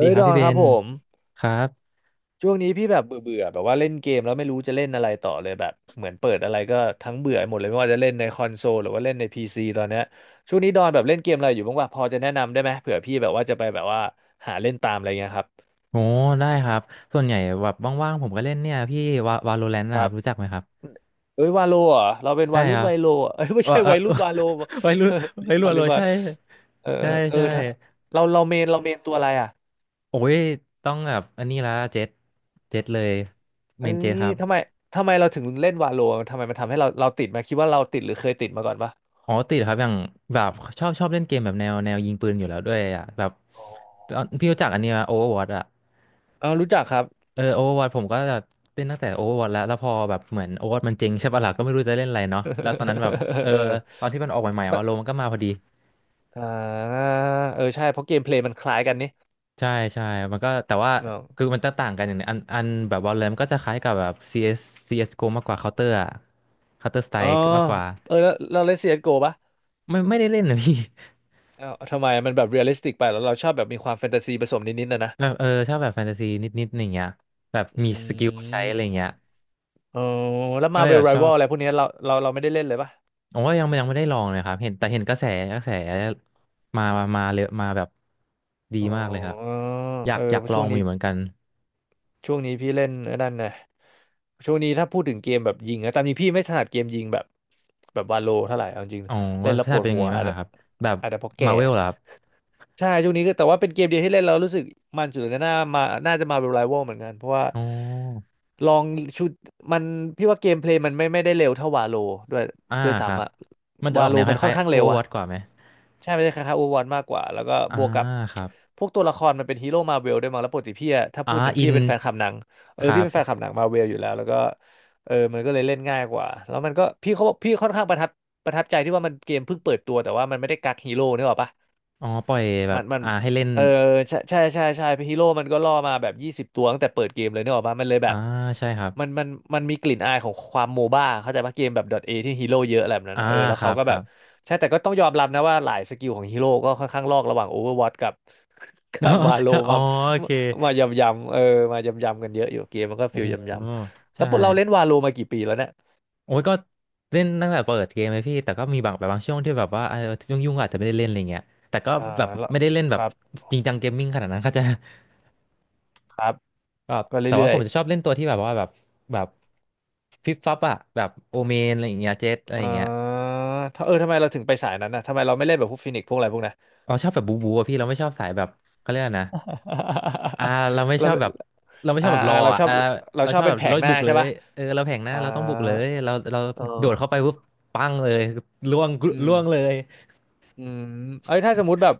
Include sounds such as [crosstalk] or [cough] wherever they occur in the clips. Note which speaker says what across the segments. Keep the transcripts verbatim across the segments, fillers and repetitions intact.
Speaker 1: ดี
Speaker 2: ้ย
Speaker 1: ครับ
Speaker 2: ดอ
Speaker 1: พี่
Speaker 2: น
Speaker 1: เบ
Speaker 2: ครับ
Speaker 1: น
Speaker 2: ผม
Speaker 1: ครับ
Speaker 2: ช่วงนี้พี่แบบเบื่อเบื่อแบบว่าเล่นเกมแล้วไม่รู้จะเล่นอะไรต่อเลยแบบเหมือนเปิดอะไรก็ทั้งเบื่อหมดเลยไม่ว่าจะเล่นในคอนโซลหรือว่าเล่นในพีซีตอนเนี้ยช่วงนี้ดอนแบบเล่นเกมอะไรอยู่บ้างวะพอจะแนะนำได้ไหมเผื่อพี่แบบว่าจะไปแบบว่าหาเล่นตามอะไรเงี้ยครับ
Speaker 1: โอ้ได้ครับส่วนใหญ่แบบว่างๆผมก็เล่นเนี่ยพี่วาวาโลแรนต์
Speaker 2: ค
Speaker 1: นะค
Speaker 2: รั
Speaker 1: รับรู้จั
Speaker 2: บ
Speaker 1: กไหมครับ
Speaker 2: เอ้ยวาโลเหรอเราเป็น
Speaker 1: ใช่
Speaker 2: วารุ่
Speaker 1: ค
Speaker 2: น
Speaker 1: รับ
Speaker 2: ไวยโลเหรอเอ้ยไม่
Speaker 1: เออ
Speaker 2: ใช่
Speaker 1: เอ
Speaker 2: วัยรุ่
Speaker 1: อ
Speaker 2: นวาโล
Speaker 1: [laughs] ไว้รู้
Speaker 2: [laughs] เล่
Speaker 1: ไว้
Speaker 2: น
Speaker 1: รู้
Speaker 2: วา
Speaker 1: โล
Speaker 2: ล่นวา
Speaker 1: ใช่
Speaker 2: เออ
Speaker 1: ใช่
Speaker 2: เออ
Speaker 1: ใช่
Speaker 2: ถ้าเราเราเมนเราเมนตัวอะไรอ่ะ
Speaker 1: โอ้ยต้องแบบอันนี้ละเจ็ดเจ็ดเลยเม
Speaker 2: เอ้
Speaker 1: นเจ็ด
Speaker 2: ย
Speaker 1: ครับ
Speaker 2: ทำไมทำไมเราถึงเล่นวาโลทำไมมันทำให้เราเราติดไหมาคิดว่าเราติดหรือเคยติดมาก่อนปะ
Speaker 1: อ๋อติดครับอย่างแบบชอบชอบเล่นเกมแบบแนวแนวยิงปืนอยู่แล้วด้วยอ่ะแบบตอนพี่รู้จักอันนี้ไหมโอเวอร์วอตอ่ะ
Speaker 2: เอารู้จักครับ
Speaker 1: เออโอเวอร์วอผมก็จะเล่นตั้งแต่โอเวอร์วอแล้วแล้วพอแบบเหมือนโอเวอร์วอมันเจริงใช่ปะล่ะก็ไม่รู้จะเล่นอะไรเนาะแล้วตอนนั้นแบบเออ
Speaker 2: [laughs] เออ
Speaker 1: ตอนที่มันออกใหม่ๆ
Speaker 2: มัน
Speaker 1: ว่าโลมันก็มาพอดี
Speaker 2: อ่าเออใช่เพราะเกมเพลย์มันคล้ายกันนี่
Speaker 1: ใช่ใช่มันก็แต่ว่า
Speaker 2: อ๋
Speaker 1: คือ
Speaker 2: อ
Speaker 1: มันจะต่างกันอย่างหนึงอันอันแบบ Valorant มันก็จะคล้ายกับแบบ ซี เอส ซี เอส จี โอ มากกว่า Counter อะ Counter
Speaker 2: อ๋อ
Speaker 1: Strike มากกว่า
Speaker 2: เออแล้วเราเล่น ซี เอส จี โอ ปะ
Speaker 1: ไม่ไม่ได้เล่นนะ [laughs] พี่
Speaker 2: เอ้าทำไมมันแบบเรียลลิสติกไปแล้วเราชอบแบบมีความแฟนตาซีผสมนิดๆนะนะ
Speaker 1: [laughs] แบบเออชอบแบบแฟนตาซีนิดๆอย่างเงี้ยแบบ
Speaker 2: อื
Speaker 1: มีสกิลใช้อะไรเงี้ย
Speaker 2: มอ๋อแล้ว
Speaker 1: ก็
Speaker 2: มา
Speaker 1: เลย
Speaker 2: เว
Speaker 1: แบ
Speaker 2: ล
Speaker 1: บ
Speaker 2: ไร
Speaker 1: ชอ
Speaker 2: ว a
Speaker 1: บ
Speaker 2: ลอะไรพวกเนี้ยเราเราเราไม่ได้เล่นเลยปะ
Speaker 1: โอ้ยยังไม่ยังไม่ได้ลองเลยครับเห็นแต่เห็นกระแสกระแสมามามาเลยมาแบบดี
Speaker 2: อ๋อ
Speaker 1: มากเลยครับอยา
Speaker 2: เอ
Speaker 1: ก
Speaker 2: อ
Speaker 1: อยา
Speaker 2: เพ
Speaker 1: ก
Speaker 2: ราะ
Speaker 1: ลอ
Speaker 2: ช่ว
Speaker 1: ง
Speaker 2: ง
Speaker 1: มา
Speaker 2: นี้
Speaker 1: อยู่เหมือนกัน
Speaker 2: ช่วงนี้พี่เล่นไอ้นั่นนะช่วงนี้ถ้าพูดถึงเกมแบบยิงนะตามจริงพี่ไม่ถนัดเกมยิงแบบแบบวาโลเท่าไหร่เอาจริง
Speaker 1: อ๋อ
Speaker 2: เล่
Speaker 1: ่า
Speaker 2: นแล้ว
Speaker 1: พี่
Speaker 2: ป
Speaker 1: ชา
Speaker 2: ว
Speaker 1: ติ
Speaker 2: ด
Speaker 1: เป็นยั
Speaker 2: หั
Speaker 1: งไง
Speaker 2: ว
Speaker 1: บ้าง
Speaker 2: อาจจะ
Speaker 1: อะครับแบบ
Speaker 2: อาจจะเพราะแก่
Speaker 1: มาเวลเหรอครับ
Speaker 2: ใช่ช่วงนี้ก็แต่ว่าเป็นเกมเดียวที่เล่นแล้วรู้สึกมันสุดในหน่ามาน่าจะมาเป็นไรวัลเหมือนกันเพราะว่า
Speaker 1: อ๋อ
Speaker 2: ลองชุดมันพี่ว่าเกมเพลย์มันไม่ไม่ได้เร็วเท่าวาโลด้วย
Speaker 1: อ่า
Speaker 2: ด้วย
Speaker 1: ครั
Speaker 2: ซ้ำ
Speaker 1: บ
Speaker 2: อะ
Speaker 1: มันจะอ
Speaker 2: วา
Speaker 1: อก
Speaker 2: โล
Speaker 1: แนวค
Speaker 2: มันค่
Speaker 1: ล้า
Speaker 2: อน
Speaker 1: ย
Speaker 2: ข้าง
Speaker 1: ๆ
Speaker 2: เร็วอะ
Speaker 1: Overwatch กว่าไหม
Speaker 2: ใช่ไม่ใช่คล้ายๆโอวอนมากกว่าแล้วก็
Speaker 1: อ่า
Speaker 2: บวกกับ
Speaker 1: ครับ
Speaker 2: พวกตัวละครมันเป็นฮีโร่มาเวลด้วยมั้งแล้วปกติพี่อะถ้า
Speaker 1: อ่า
Speaker 2: พูดถึง
Speaker 1: อิ
Speaker 2: พี่
Speaker 1: น
Speaker 2: เป็นแฟนคลับหนังเอ
Speaker 1: ค
Speaker 2: อ
Speaker 1: รั
Speaker 2: พี่เป็นแฟนค
Speaker 1: บ
Speaker 2: ลับหนังมาเวลอยู่แล้วแล้วก็เออมันก็เลยเล่นง่ายกว่าแล้วมันก็พี่เขาบอกพี่ค่อนข้างประทับประทับใจที่ว่ามันเกมเพิ่งเปิดตัวแต่ว่ามันไม่ได้กักฮีโร่นึกออกปะ
Speaker 1: อ๋อปล่อยแบ
Speaker 2: มั
Speaker 1: บ
Speaker 2: นมัน
Speaker 1: อ่าให้เล่น
Speaker 2: เออใช่ใช่ใช่ใช่ฮีโร่มันก็ล่อมาแบบยี่สิบตัวตั้งแต่เปิดเกมเลยเนี่ยออกมามันเลยแบ
Speaker 1: อ่า
Speaker 2: บ
Speaker 1: ใช่ครับ
Speaker 2: มันมันมันมีกลิ่นอายของความโมบ้าเข้าใจปะเกมแบบ .A ที่ฮีโร่เยอะอะไรแบบนั้น
Speaker 1: อ่า
Speaker 2: นะเออแล้ว
Speaker 1: ครั
Speaker 2: เขา
Speaker 1: บ
Speaker 2: ก็
Speaker 1: ค
Speaker 2: แบ
Speaker 1: รั
Speaker 2: บ
Speaker 1: บ
Speaker 2: ใช่แต่ก็ต้องยอมรับนะว่าหลายสกิลของฮีโร่ก็ค่อนข้างลอกระหว่าง Overwatch กับ [laughs] กับวา
Speaker 1: [laughs]
Speaker 2: โล
Speaker 1: ใช่อ๋อ
Speaker 2: มา
Speaker 1: โอเค
Speaker 2: มายำยำเออมายำยำกันเยอะอยู่เกมมันก็
Speaker 1: โอ้
Speaker 2: ฟิลยำยำแล้ว
Speaker 1: ใช่
Speaker 2: พวกเราเล่นวาโลมากี่ปีแล้วเนี่ย
Speaker 1: โอ้ยก็เล่นตั้งแต่เปิดเกมเลยพี่แต่ก็มีบางแบบบางช่วงที่แบบว่ายุ่งยุ่งๆก็อาจจะไม่ได้เล่นอะไรเงี้ยแต่ก็
Speaker 2: อ่า
Speaker 1: แบบ
Speaker 2: แล้ว
Speaker 1: ไม่ได้เล่นแบ
Speaker 2: ค
Speaker 1: บ
Speaker 2: รับ
Speaker 1: จริงจังเกมมิ่งขนาดนั้น [laughs] ก็จะ
Speaker 2: ครับ
Speaker 1: [laughs] แบบ
Speaker 2: ก็
Speaker 1: แต่ว่า
Speaker 2: เรื่อ
Speaker 1: ผ
Speaker 2: ย
Speaker 1: ม
Speaker 2: ๆ
Speaker 1: จะชอบเล่นตัวที่แบบว่าแบบแบบฟิปฟับอะแบบโอเมนอะไรอย่างเงี้ยเจ็ตอะไรอ
Speaker 2: อ่
Speaker 1: ย่างเงี้ย
Speaker 2: าถ้าเออทำไมเราถึงไปสายนั้นนะทำไมเราไม่เล่นแบบพวกฟินิกซ์พวกอะไรพวกนั้น
Speaker 1: เราชอบแบบบูบูอะพี่เราไม่ชอบสายแบบเขาเรียกอะไรนะอ่าเราไม่
Speaker 2: [laughs]
Speaker 1: ช
Speaker 2: เรา
Speaker 1: อบแบบเราไม่ช
Speaker 2: อ่า
Speaker 1: อบแบบร
Speaker 2: อ่า
Speaker 1: อ
Speaker 2: เรา
Speaker 1: อ่ะ
Speaker 2: ชอ
Speaker 1: เอ
Speaker 2: บ
Speaker 1: อ
Speaker 2: เรา
Speaker 1: เรา
Speaker 2: ชอ
Speaker 1: ช
Speaker 2: บ
Speaker 1: อบ
Speaker 2: เป็
Speaker 1: แบ
Speaker 2: น
Speaker 1: บ
Speaker 2: แผ
Speaker 1: ร
Speaker 2: ง
Speaker 1: ถ
Speaker 2: หน้า
Speaker 1: บุกเล
Speaker 2: ใช่
Speaker 1: ย
Speaker 2: ป่ะ
Speaker 1: เออเราแผงหน้า
Speaker 2: อ่า
Speaker 1: เราต้องบุกเลยเราเรา
Speaker 2: เอ
Speaker 1: โดดเข้าไป
Speaker 2: อ
Speaker 1: ปุ๊บปังเลยล่วง
Speaker 2: อืม
Speaker 1: ล่วงเลย
Speaker 2: อืมเอ้ยถ้าสมมติแบบ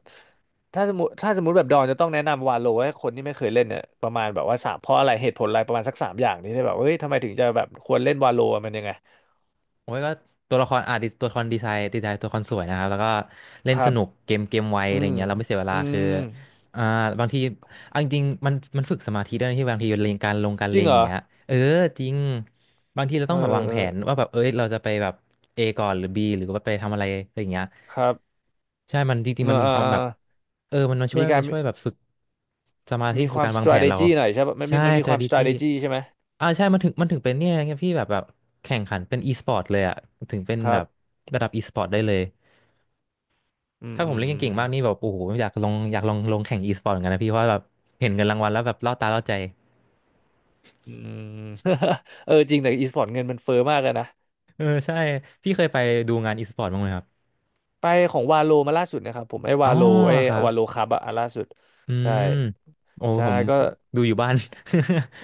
Speaker 2: ถ้าสมมติถ้าสมมติแบบดอนจะต้องแนะนำวาโลให้คนที่ไม่เคยเล่นเนี่ยประมาณแบบว่าสามเพราะอะไรเหตุผลอะไรประมาณสักสามอย่างนี้ได้แบบเฮ้ยทำไมถึงจะแบบควรเล่นวาโลมันยังไง
Speaker 1: โอ้ยก็ตัวละครอ่ะดิตัวละครดีไซน์ดีไซน์ตัวละครสวยนะครับแล้วก็เล่
Speaker 2: ค
Speaker 1: น
Speaker 2: รั
Speaker 1: ส
Speaker 2: บ
Speaker 1: นุกเกมเกมไว
Speaker 2: อื
Speaker 1: อะไร
Speaker 2: ม
Speaker 1: เงี้ยเราไม่เสียเว
Speaker 2: อื
Speaker 1: ลาคือ
Speaker 2: ม
Speaker 1: อ่าบางทีเอาจริงๆมันมันฝึกสมาธิด้วยนะที่บางทีเลงการลงการ
Speaker 2: จ
Speaker 1: เล
Speaker 2: ริง
Speaker 1: ง
Speaker 2: เหร
Speaker 1: อย่า
Speaker 2: อ
Speaker 1: งเงี้ยเออจริงบางทีเรา
Speaker 2: เอ
Speaker 1: ต้องแบบวางแผน
Speaker 2: อ
Speaker 1: ว่าแบบเอ้ยเราจะไปแบบ A ก่อนหรือ B หรือว่าไปทำอะไรอะไรอย่างเงี้ย
Speaker 2: ครับ
Speaker 1: ใช่มันจ
Speaker 2: เอ
Speaker 1: ริง
Speaker 2: อ
Speaker 1: ๆมันมี
Speaker 2: เออ
Speaker 1: ความ
Speaker 2: เออ
Speaker 1: แบบเออมันมาช่ว
Speaker 2: มี
Speaker 1: ย
Speaker 2: การ
Speaker 1: มาช่วยแบบฝึกสมาธิ
Speaker 2: มี
Speaker 1: ฝึ
Speaker 2: ค
Speaker 1: ก
Speaker 2: วาม
Speaker 1: การวางแผนเรา
Speaker 2: strategy หน่อยใช่ปะมันมี
Speaker 1: ใช่
Speaker 2: มันมี
Speaker 1: ส
Speaker 2: ค
Speaker 1: วั
Speaker 2: วา
Speaker 1: ส
Speaker 2: ม
Speaker 1: ดีจี้
Speaker 2: strategy ใช่ไหม
Speaker 1: อ่าใช่มันถึงมันถึงเป็นเนี่ยไงพี่แบบแบบแข่งขันเป็นอีสปอร์ตเลยอ่ะถึงเป็น
Speaker 2: ค
Speaker 1: แบ
Speaker 2: รับ
Speaker 1: บระดับอีสปอร์ตได้เลย
Speaker 2: อืม
Speaker 1: ถ้าผ
Speaker 2: อื
Speaker 1: มเล่นเก่ง
Speaker 2: ม
Speaker 1: ๆมากนี่แบบโอ้โหอยากลงอยากลองลงแข่งอีสปอร์ตเหมือนกันนะพี่เพราะว่าแบบเห็นเงินรางวัลแล้วแบบล่อตาล่อใจ
Speaker 2: อืม [laughs] เออจริงแต่ e-sport เงินมันเฟ้อมากเลยนะ
Speaker 1: เออใช่พี่เคยไปดูงานอีสปอร์ตบ้างไหมครับ
Speaker 2: ไปของวาโลมาล่าสุดนะครับผมไอ้
Speaker 1: อ๋อ
Speaker 2: วาโลไอ้
Speaker 1: เหรอครับ
Speaker 2: วาโลครับอะอันล่าสุด
Speaker 1: อื
Speaker 2: ใช่
Speaker 1: มโอ้
Speaker 2: ใช่
Speaker 1: ผม
Speaker 2: ก็
Speaker 1: ดูอยู่บ้าน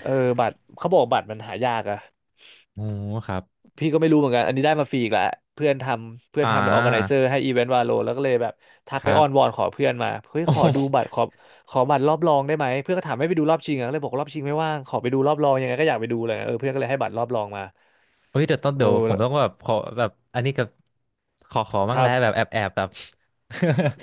Speaker 2: เออบัตรเขาบอกบัตรมันหายากอะ
Speaker 1: [laughs] โอ้ครับ
Speaker 2: พี่ก็ไม่รู้เหมือนกันอันนี้ได้มาฟรีอีกแหละเพื่อนทำเพื่อ
Speaker 1: อ่
Speaker 2: นทำเป็นออร์แกไนเซ
Speaker 1: า
Speaker 2: อร์ให้อีเวนต์วาโลแล้วก็เลยแบบทั
Speaker 1: ค
Speaker 2: กไป
Speaker 1: รั
Speaker 2: อ้อนว
Speaker 1: บ
Speaker 2: อนขอเพื่อนมาเฮ้ย
Speaker 1: โอ
Speaker 2: ขอดูบั
Speaker 1: ้
Speaker 2: ตรขอขอบัตรรอบรองได้ไหมเพื่อนก็ถามให้ไปดูรอบชิงอ่ะก็เลยบอการอบชิงไม่ว่างขอไปดูรอบรองยังไงก็อยากไปดูเลยเออเพื่อนก็เลยให้บัตรรอบรองมา
Speaker 1: เฮ้ยเดี๋ยวต้อง
Speaker 2: โอ้
Speaker 1: เดี๋ยวผมต้องแบบขอแบบอันนี้กับขอขอ
Speaker 2: ค
Speaker 1: บ้าง
Speaker 2: รั
Speaker 1: แล้วแบบ
Speaker 2: บ
Speaker 1: แอบแอบแบบ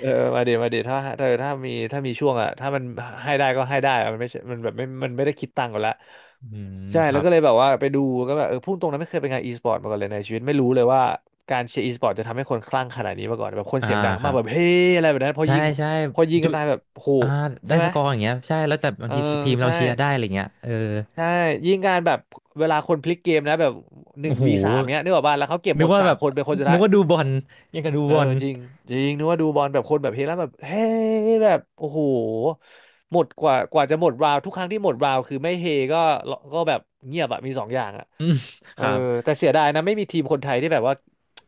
Speaker 2: เออ มาเดี๋ยวมาเดี๋ยวถ้าเธอถ้ามีถ้ามีช่วงอ่ะถ้ามันให้ได้ก็ให้ได้อะมันไม่ใช่มันแบบไม่มันไม่ได้คิดตังค์กันละ
Speaker 1: อืม
Speaker 2: ใช่
Speaker 1: ครั
Speaker 2: แล้ว
Speaker 1: บ
Speaker 2: ก็เลยแบบว่าไปดูก็แบบเออพุ่งตรงนั้นไม่เคยไปงานอีสปอร์ตมาก่อนเลยในชีวิตไม่รู้เลยว่าการเชียร์อีสปอร์ตจะทำให้คนคลั่งขนาดนี้มาก่อนแบบคน
Speaker 1: อ่า
Speaker 2: เสียงดัง
Speaker 1: ค
Speaker 2: มา
Speaker 1: รั
Speaker 2: ก
Speaker 1: บ
Speaker 2: แบบเฮ้อะไรแบบนั้นพอ
Speaker 1: ใช่
Speaker 2: ยิง
Speaker 1: ใช่
Speaker 2: พอยิง
Speaker 1: จุ
Speaker 2: กันตายแบบโห
Speaker 1: อ่าได้
Speaker 2: ใช่ไห
Speaker 1: ส
Speaker 2: ม
Speaker 1: กอร์อย่างเงี้ยใช่แล้วแต่บาง
Speaker 2: เออ
Speaker 1: ทีทีมเรา
Speaker 2: ใช่
Speaker 1: เชียร์ได้อะไรเงี้ยเออ
Speaker 2: ใช่ยิงการแบบเวลาคนพลิกเกมนะแบบหนึ่
Speaker 1: โอ้
Speaker 2: ง
Speaker 1: โห
Speaker 2: วีสามเนี้ยนึกออกป่ะแล้วเขาเก็บ
Speaker 1: นึ
Speaker 2: หม
Speaker 1: ก
Speaker 2: ด
Speaker 1: ว่า
Speaker 2: สา
Speaker 1: แบ
Speaker 2: ม
Speaker 1: บ
Speaker 2: คนเป็นคนสุด
Speaker 1: นึ
Speaker 2: ท้า
Speaker 1: ก
Speaker 2: ย
Speaker 1: ว่าดูบอลยังกับดู
Speaker 2: เอ
Speaker 1: บ
Speaker 2: อ
Speaker 1: อล
Speaker 2: จริงจริงนึกว่าดูบอลแบบคนแบบเฮลั่นแบบเฮ้แบบโอ้โหหมดกว่ากว่าจะหมดราวทุกครั้งที่หมดราวคือไม่เฮก็ก็แบบเงียบอะมีสองอย่างอะ
Speaker 1: อืมค
Speaker 2: เออ
Speaker 1: รับ
Speaker 2: แต่เสียดายนะไม่มีทีมคนไทยที่แบบว่า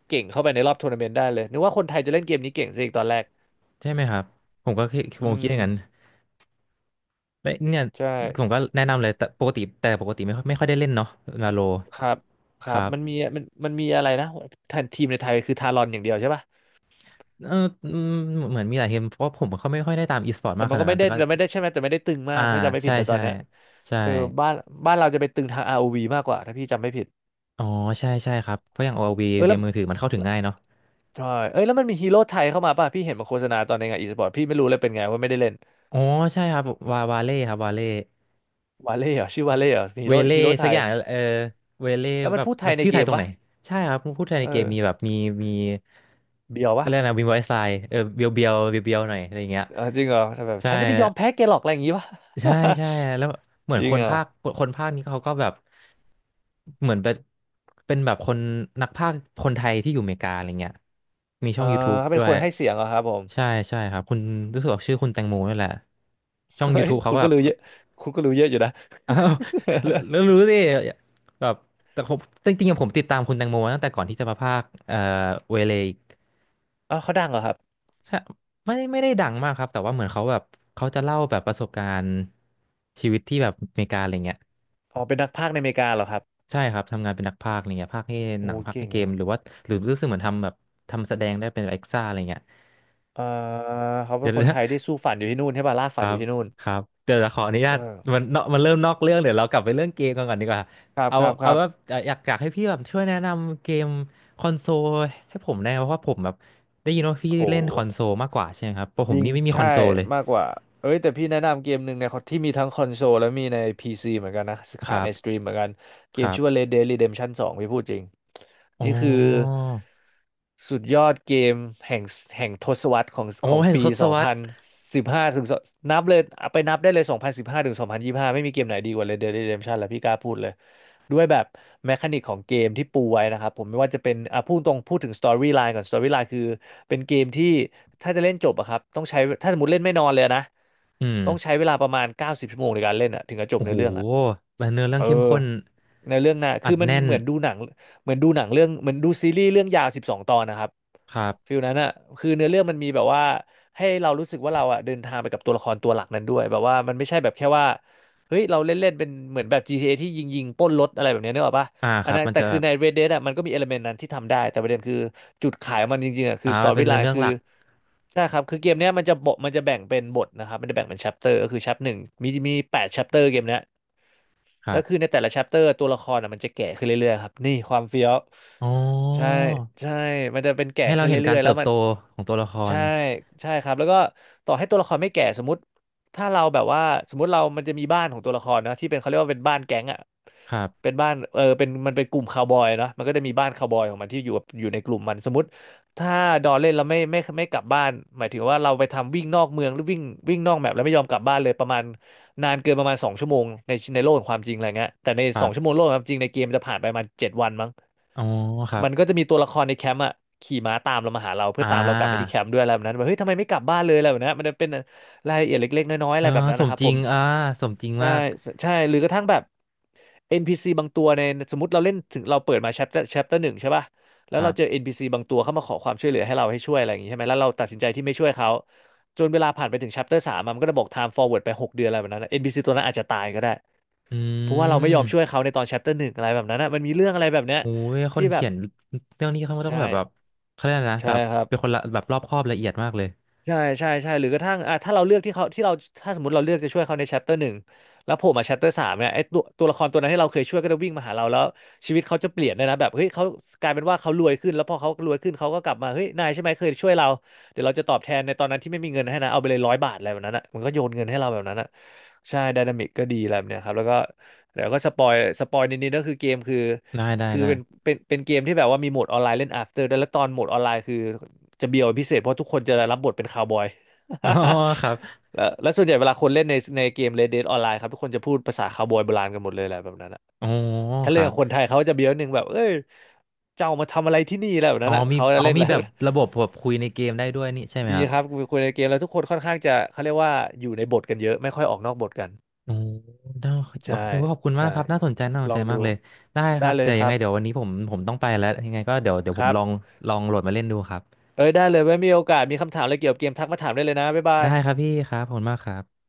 Speaker 2: เก่งเข้าไปในรอบทัวร์นาเมนต์ได้เลยนึกว่าคนไทยจะเล่นเกมนี้เก่งซะอีกตอนแรก
Speaker 1: ใช่ไหมครับผมก็คิดผ
Speaker 2: อื
Speaker 1: มคิดอ
Speaker 2: ม
Speaker 1: ย่างนั้นแต่เนี่ย
Speaker 2: ใช่
Speaker 1: ผมก็แนะนำเลยแต่ปกติแต่ปกติไม่ค่อยไม่ค่อยได้เล่นเนาะมาโล
Speaker 2: ครับค
Speaker 1: ค
Speaker 2: รับ
Speaker 1: รับ
Speaker 2: มันมีมันมันมีอะไรนะทันทีมในไทยคือทารอนอย่างเดียวใช่ป่ะ
Speaker 1: เอออืมเหมือนมีหลายเกมเพราะว่าผมก็ไม่ค่อยได้ตามอีสปอร์ต
Speaker 2: แต่
Speaker 1: มากข
Speaker 2: มัน
Speaker 1: นา
Speaker 2: ก็
Speaker 1: ด
Speaker 2: ไม่
Speaker 1: นั้น
Speaker 2: ได้
Speaker 1: แต่ก็
Speaker 2: แต่ไม่ได้ใช่ไหมแต่ไม่ได้ตึงมา
Speaker 1: อ่า
Speaker 2: กถ้าจำไม่ผิ
Speaker 1: ใช่
Speaker 2: ดในะตอน
Speaker 1: ใช่
Speaker 2: เนี้ย
Speaker 1: ใช่
Speaker 2: เออบ้านบ้านเราจะไปตึงทาง r o ีมากกว่าถ้าพี่จำไม่ผิด
Speaker 1: อ๋อใช่ใช่ครับเพราะอย่าง โอ แอล วี
Speaker 2: เออ
Speaker 1: เก
Speaker 2: แล้
Speaker 1: ม
Speaker 2: ว
Speaker 1: มือถือมันเข้าถึง
Speaker 2: แล้ว
Speaker 1: ง่ายเนาะ
Speaker 2: ใช่เอ้ยแล้วมันมีฮีโร่ไทยเข้ามาป่ะพี่เห็นมาโฆษณาตอนในงานอีสปอร์ตพี่ไม่รู้เลยเป็นไงว่าไม่ได้เล่น
Speaker 1: อ๋อใช่ครับวาวาเล่ครับวาเล่
Speaker 2: วาเล่เหรอชื่อวาเล่เหรอฮี
Speaker 1: เว
Speaker 2: โร่
Speaker 1: เล่
Speaker 2: ฮีโร่ไท
Speaker 1: สักอ
Speaker 2: ย
Speaker 1: ย่างเออเวเล่
Speaker 2: แล้วมั
Speaker 1: แบ
Speaker 2: น
Speaker 1: บ
Speaker 2: พูดไท
Speaker 1: มัน
Speaker 2: ยใน
Speaker 1: ชื่อ
Speaker 2: เก
Speaker 1: ไทย
Speaker 2: ม
Speaker 1: ตรงไหน
Speaker 2: ปะ
Speaker 1: ใช่ครับพูดไทยใน
Speaker 2: เอ
Speaker 1: เกม
Speaker 2: อ
Speaker 1: มีแบบมีมี
Speaker 2: เบียว
Speaker 1: ก็
Speaker 2: ปะ
Speaker 1: เรียกนะวินไวซ์ไซเออเบียวเบียวเบียวเบียวๆหน่อยอะไรอย่างเงี้ย
Speaker 2: เออจริงเหรอแต่แบบ
Speaker 1: ใช่
Speaker 2: ฉันจะไม่ยอมแพ้แกหรอกอะไรอย่างงี้ปะ
Speaker 1: ใช่ใช่แล้วเหมือ
Speaker 2: [laughs]
Speaker 1: น
Speaker 2: จริ
Speaker 1: ค
Speaker 2: ง
Speaker 1: น
Speaker 2: เหรอ
Speaker 1: ภาคคนภาคนี้เขาก็แบบเหมือนเป็นเป็นแบบคนนักภาคคนไทยที่อยู่อเมริกาอะไรเงี้ยมี
Speaker 2: เอ
Speaker 1: ช่อ
Speaker 2: อ
Speaker 1: ง YouTube
Speaker 2: เขาเป็
Speaker 1: ด้
Speaker 2: น
Speaker 1: ว
Speaker 2: ค
Speaker 1: ย
Speaker 2: นให้เสียงเหรอครับผม
Speaker 1: ใช่ใช่ครับคุณรู้สึกออกชื่อคุณแตงโมนี่แหละช่อง
Speaker 2: เฮ้ย
Speaker 1: YouTube เขา
Speaker 2: คุณ
Speaker 1: ก็
Speaker 2: ก็
Speaker 1: แบบ
Speaker 2: รู้เยอะคุณก็รู้เยอะอยู่นะ
Speaker 1: [laughs] อ้าวรู้รู้รู้ดิแบบแต่ผมจริงๆอะผมติดตามคุณแตงโมตั้งแต่ก่อนที่จะมาภาคเอ่อเวเลอีก
Speaker 2: [laughs] อ้าวเขาดังเหรอครับ
Speaker 1: ใช่ไม่ไม่ได้ดังมากครับแต่ว่าเหมือนเขาแบบเขาจะเล่าแบบประสบการณ์ชีวิตที่แบบอเมริกาอะไรเงี้ย
Speaker 2: อ๋อเป็นนักพากย์ในอเมริกาเหรอครับ
Speaker 1: ใช่ครับทำงานเป็นนักพากย์อะไรเงี้ยพากย์ให้หนั
Speaker 2: โอ้
Speaker 1: งพากย์
Speaker 2: เก่
Speaker 1: ให้
Speaker 2: ง
Speaker 1: เกม
Speaker 2: อะ
Speaker 1: หรือว่าหรือรู้สึกเหมือนทำแบบทำแสดงได้เป็นเอ็กซ่าอะไรเงี้ย
Speaker 2: เออเขาเป็
Speaker 1: เดี๋ย
Speaker 2: น
Speaker 1: ว
Speaker 2: คนไท
Speaker 1: นะ
Speaker 2: ยที่สู้ฝันอยู่ที่นู่นใช่ป่ะลาก
Speaker 1: ค
Speaker 2: ฝัน
Speaker 1: รั
Speaker 2: อยู่
Speaker 1: บ
Speaker 2: ที่นู่น
Speaker 1: ครับเดี๋ยวเราขออนุญา
Speaker 2: เอ
Speaker 1: ต
Speaker 2: อ
Speaker 1: มันเนาะมันเริ่มนอกเรื่องเดี๋ยวเรากลับไปเรื่องเกมกันก่อนดีกว่า
Speaker 2: ครับ
Speaker 1: เอา
Speaker 2: ครับค
Speaker 1: เอา
Speaker 2: รับ
Speaker 1: ว่าเอ่ออยากอยากให้พี่แบบช่วยแนะนำเกมคอนโซลให้ผมได้ไหมเพราะว่าผมแบบได้ยินว่าพี่
Speaker 2: โ
Speaker 1: เล่นคอ
Speaker 2: ห
Speaker 1: นโซลมากกว่าใช่ไหมครับเพราะผ
Speaker 2: จ
Speaker 1: ม
Speaker 2: ริง
Speaker 1: นี่ไม่มีค
Speaker 2: ใช่
Speaker 1: อนโซลเลย
Speaker 2: มากกว่าเอ้ยแต่พี่แนะนำเกมหนึ่งเนยที่มีทั้งคอนโซลและมีใน พี ซี เหมือนกันนะ
Speaker 1: ค
Speaker 2: ขา
Speaker 1: รั
Speaker 2: ยในสต
Speaker 1: บ
Speaker 2: รีมเหมือนกันเก
Speaker 1: ค
Speaker 2: ม
Speaker 1: รั
Speaker 2: ชื่อว่า
Speaker 1: บ
Speaker 2: Red Dead Redemption ทูพี่พูดจริง
Speaker 1: อ๋อ
Speaker 2: นี่คือสุดยอดเกมแห่งแห่งทศวรรษของ
Speaker 1: โอ้
Speaker 2: ของ
Speaker 1: แห่ง
Speaker 2: ปี
Speaker 1: ทศวรรษ
Speaker 2: สองพันสิบห้าถึงนับเลยไปนับได้เลยสองพันสิบห้าถึงสองพันยี่สิบห้าไม่มีเกมไหนดีกว่า Red Dead Redemption แล้วพี่กล้าพูดเลย ด้วยแบบแมคานิกของเกมที่ปูไว้นะครับผมไม่ว่าจะเป็นอ่ะพูดตรงพูดถึงสตอรี่ไลน์ก่อนสตอรี่ไลน์คือเป็นเกมที่ถ้าจะเล่นจบอะครับต้องใช้ถ้าสมมติเล่นไม่นอนเลยนะ
Speaker 1: อืม
Speaker 2: ต้องใช้เวลาประมาณเก้าสิบชั่วโมงในการเล่นอะถึงจะจบ
Speaker 1: โอ้
Speaker 2: ใน
Speaker 1: โห
Speaker 2: อเรื่องอะ
Speaker 1: เนื้อเรื่
Speaker 2: เอ
Speaker 1: อ
Speaker 2: อ
Speaker 1: งเข้มข้น
Speaker 2: ในเรื่องหน่ะ
Speaker 1: อั
Speaker 2: คือ
Speaker 1: ด
Speaker 2: มัน
Speaker 1: แน่น
Speaker 2: เหมือนดูหนังเหมือนดูหนังเรื่องเหมือนดูซีรีส์เรื่องยาวสิบสองตอนนะครับ
Speaker 1: ครับ
Speaker 2: ฟิลนั้นอ่ะคือเนื้อเรื่องมันมีแบบว่าให้เรารู้สึกว่าเราอ่ะเดินทางไปกับตัวละครตัวหลักนั้นด้วยแบบว่ามันไม่ใช่แบบแค่ว่าเฮ้ยเราเล่นเล่นเป็นเหมือนแบบ จี ที เอ ทีเอที่ยิงยิงปล้นรถอะไรแบบเนี้ยนึกออกปะ
Speaker 1: อ่าค
Speaker 2: อัน
Speaker 1: รับ
Speaker 2: นั้น
Speaker 1: มัน
Speaker 2: แต่
Speaker 1: จะ
Speaker 2: คื
Speaker 1: แบ
Speaker 2: อ
Speaker 1: บ
Speaker 2: ใน Red Dead อ่ะมันก็มีเอลเมนต์นั้นที่ทำได้แต่ประเด็นคือจุดขายของมันจริงๆอ่ะคื
Speaker 1: อ่า
Speaker 2: อสตอ
Speaker 1: เป็น
Speaker 2: รี่ไล
Speaker 1: เนื้อ
Speaker 2: น์
Speaker 1: เรื่อง
Speaker 2: คือ
Speaker 1: หลัก
Speaker 2: ใช่ครับคือเกมเนี้ยมันจะบทมันจะแบ่งเป็นบทนะครับมันจะแบ่งเป็นแชปเตอร์ก็คือแชปหนึ่งมีมีแปดแชปเตอร์เกมเนี้ย
Speaker 1: ค
Speaker 2: แล้
Speaker 1: รั
Speaker 2: วคือ
Speaker 1: บ
Speaker 2: ในแต่ละชชปเตอร์ตัวละครอ่ะมันจะแก่ขึ้นเรื่อยๆครับนี่ความเฟี้ยว
Speaker 1: อ๋อ
Speaker 2: ใช่ใช่มันจะเป็นแก่
Speaker 1: ให้เรา
Speaker 2: ขึ้น
Speaker 1: เห็นกา
Speaker 2: เรื่อ
Speaker 1: ร
Speaker 2: ยๆแล้
Speaker 1: เติ
Speaker 2: ว
Speaker 1: บ
Speaker 2: มัน
Speaker 1: โตของตัวละคร
Speaker 2: ใช่ใช่ครับแล้วก็ต่อให้ตัวละครไม่แก่สมมติถ้าเราแบบว่าสมมติเรามันจะมีบ้านของตัวละครเนอะที่เป็นเขาเรียกว่าเป็นบ้านแก๊งอ่ะ
Speaker 1: ครั
Speaker 2: เป็
Speaker 1: บ
Speaker 2: นบ้านเออเป็นมันเป็นกลุ่มคาวบอยเนาะมันก็จะมีบ้านคาวบอยของมันที่อยู่กับอยู่ในกลุ่มมันสมมติถ้าดอนเล่นแล้วไม่ไม่ไม่ไม่กลับบ้านหมายถึงว่าเราไปทำวิ่งนอกเมืองหรือวิ่งวิ่งนอกแมปแล้วไม่ยอมกลับบ้านเลยประมาณ นานเกินประมาณสองชั่วโมงในในโลกขอ่งความจริงอะไรเงี้ยแต่ใน
Speaker 1: ค
Speaker 2: ส
Speaker 1: รั
Speaker 2: องชั่วโม
Speaker 1: บ
Speaker 2: งโลกของความจริงในเกมมันจะผ่านไปประมาณเจ็ดวันมั้ง
Speaker 1: อ๋อครับ
Speaker 2: มันก็จะมีตัวละครในแคมป์อ่ะขี่ม้าตามเรามาหาเราเพื่
Speaker 1: อ่
Speaker 2: อตามเรากลับไปที่
Speaker 1: า
Speaker 2: แคมป์ด้วยอะไรแบบนั้นแบบเฮ้ยทำไมไม่กลับบ้านเลยอะไรแบบนั้นมันจะเป็นรายละเอียดเล็กๆน้อยๆ
Speaker 1: เอ
Speaker 2: อะ
Speaker 1: อ
Speaker 2: ไรแบบนั้น
Speaker 1: ส
Speaker 2: นะ
Speaker 1: ม
Speaker 2: ครับ
Speaker 1: จ
Speaker 2: ผ
Speaker 1: ริง
Speaker 2: ม
Speaker 1: อ่าสมจริง
Speaker 2: ใช่
Speaker 1: มาก
Speaker 2: ใช่หรือกระทั่งแบบ เอ็น พี ซี บางตัวในสมมติเราเล่นถึงเราเปิดมา chapter chapter หนึ่งใช่ป่ะแล้
Speaker 1: ค
Speaker 2: ว
Speaker 1: รั
Speaker 2: เราเจอ
Speaker 1: บ
Speaker 2: เอ็น พี ซี บางตัวเข้ามาขอความช่วยเหลือให้เราให้ช่วยอะไรอย่างงี้ใช่ไหมแล้วเราตัดสินใจที่ไม่ช่วยเขาจนเวลาผ่านไปถึง chapter สามอะมันก็จะบอก time forward ไปหกเดือนอะไรแบบนั้นนะ เอ็น พี ซี ตัวนั้นอาจจะตายก็ได้
Speaker 1: อื
Speaker 2: เพราะว่าเราไม่ยอมช่วย
Speaker 1: ม
Speaker 2: เขาในตอน chapter หนึ่งอะไรแบบนั้นนะมันมีเรื่องอะไรแบบเนี้ย
Speaker 1: โอ้ยค
Speaker 2: ที่
Speaker 1: น
Speaker 2: แบ
Speaker 1: เขี
Speaker 2: บ
Speaker 1: ยนเรื่องนี้เขาก็ต้อง
Speaker 2: ใช่
Speaker 1: แบบแบบเขาเรียกอะไรนะ
Speaker 2: ใช่
Speaker 1: แบบ
Speaker 2: ครับ
Speaker 1: เป็นคนละแบบรอบคอบละเอียดมากเลย
Speaker 2: ใช่ใช่ใช่หรือกระทั่งอ่ะถ้าเราเลือกที่เขาที่เราถ้าสมมติเราเลือกจะช่วยเขาใน chapter หนึ่งแล้วโผล่มา chapter สามเนี่ยไอ้ตัวตัวละครตัวนั้นที่เราเคยช่วยก็จะวิ่งมาหาเราแล้วชีวิตเขาจะเปลี่ยนเลยนะแบบเฮ้ยเขากลายเป็นว่าเขารวยขึ้นแล้วพอเขารวยขึ้นเขาก็กลับมาเฮ้ยนายใช่ไหมเคยช่วยเราเดี๋ยวเราจะตอบแทนในตอนนั้นที่ไม่มีเงินให้นะเอาไปเลยร้อยบาทอะไรแบบนั้นอ่ะมันก็โยนเงินให้เราแบบนั้นอ่ะใช่ไดนามิกก็ดีอะไรแบบเนี้ยครับแล้วก็เดี๋ยวก็สปอยสปอยนิดๆก็คือเกมคือ
Speaker 1: ได้ได้
Speaker 2: คือ
Speaker 1: ได้
Speaker 2: เป็นเป็นเป็นเกมที่แบบว่ามีโหมดออนไลน์เล่น after ด้วยแล้วตอนโหมดออนไลน์คือ จะเบียวเป็นพิเศษเพราะทุกคนจะได้รับบทเป็นคาวบอย
Speaker 1: [laughs] อ๋อครับ
Speaker 2: [laughs] แล้วและส่วนใหญ่เวลาคนเล่นในในเกม Red Dead Online ครับทุกคนจะพูดภาษาคาวบอยโบราณกันหมดเลยแหละแบบนั้นอะ
Speaker 1: อ๋อ
Speaker 2: ถ้า
Speaker 1: ค
Speaker 2: เล่น
Speaker 1: รั
Speaker 2: กั
Speaker 1: บ
Speaker 2: บคนไทยเขาจะเบียวหนึ่งแบบเอ้ยเจ้ามาทำอะไรที่นี่อะไรแบบ
Speaker 1: อ๋อ
Speaker 2: นั้นอะ
Speaker 1: มี
Speaker 2: เขาจะ
Speaker 1: อ๋อ
Speaker 2: เล่น
Speaker 1: มี
Speaker 2: แล้ว
Speaker 1: แบบระบบแบบคุยในเกมได้ด้วยนี่ใช่ไหม
Speaker 2: มี
Speaker 1: ครับ
Speaker 2: ครับคุยในเกมแล้วทุกคนค่อนข้างจะเขาเรียกว่าอยู่ในบทกันเยอะไม่ค่อยออกนอกบทกัน
Speaker 1: โอ้น่าโอ้
Speaker 2: ใช่
Speaker 1: โหขอบคุณมาก
Speaker 2: ใช่
Speaker 1: ครับน่าสนใจน่าส
Speaker 2: ล
Speaker 1: น
Speaker 2: อ
Speaker 1: ใจ
Speaker 2: งดู
Speaker 1: มากเลย ได้ค
Speaker 2: ได้
Speaker 1: รับ
Speaker 2: เลย
Speaker 1: เดี๋ยว
Speaker 2: ค
Speaker 1: ยัง
Speaker 2: รั
Speaker 1: ไง
Speaker 2: บ
Speaker 1: เดี๋ยววันนี้ผมผมต้องไปแล้ว ยังไงก็เดี๋ยวเดี๋ยว
Speaker 2: ค
Speaker 1: ผม
Speaker 2: รับ
Speaker 1: ลอง ลองโหลดมาเล่นดูครับ
Speaker 2: เอ้ยได้เลยไว้มีโอกาสมีคำถามอะไรเกี่ยวกับเกมทักมาถามได้เลยนะบ๊ายบา
Speaker 1: ได้ครั
Speaker 2: ย
Speaker 1: บพี่ครับขอบคุณมากครับ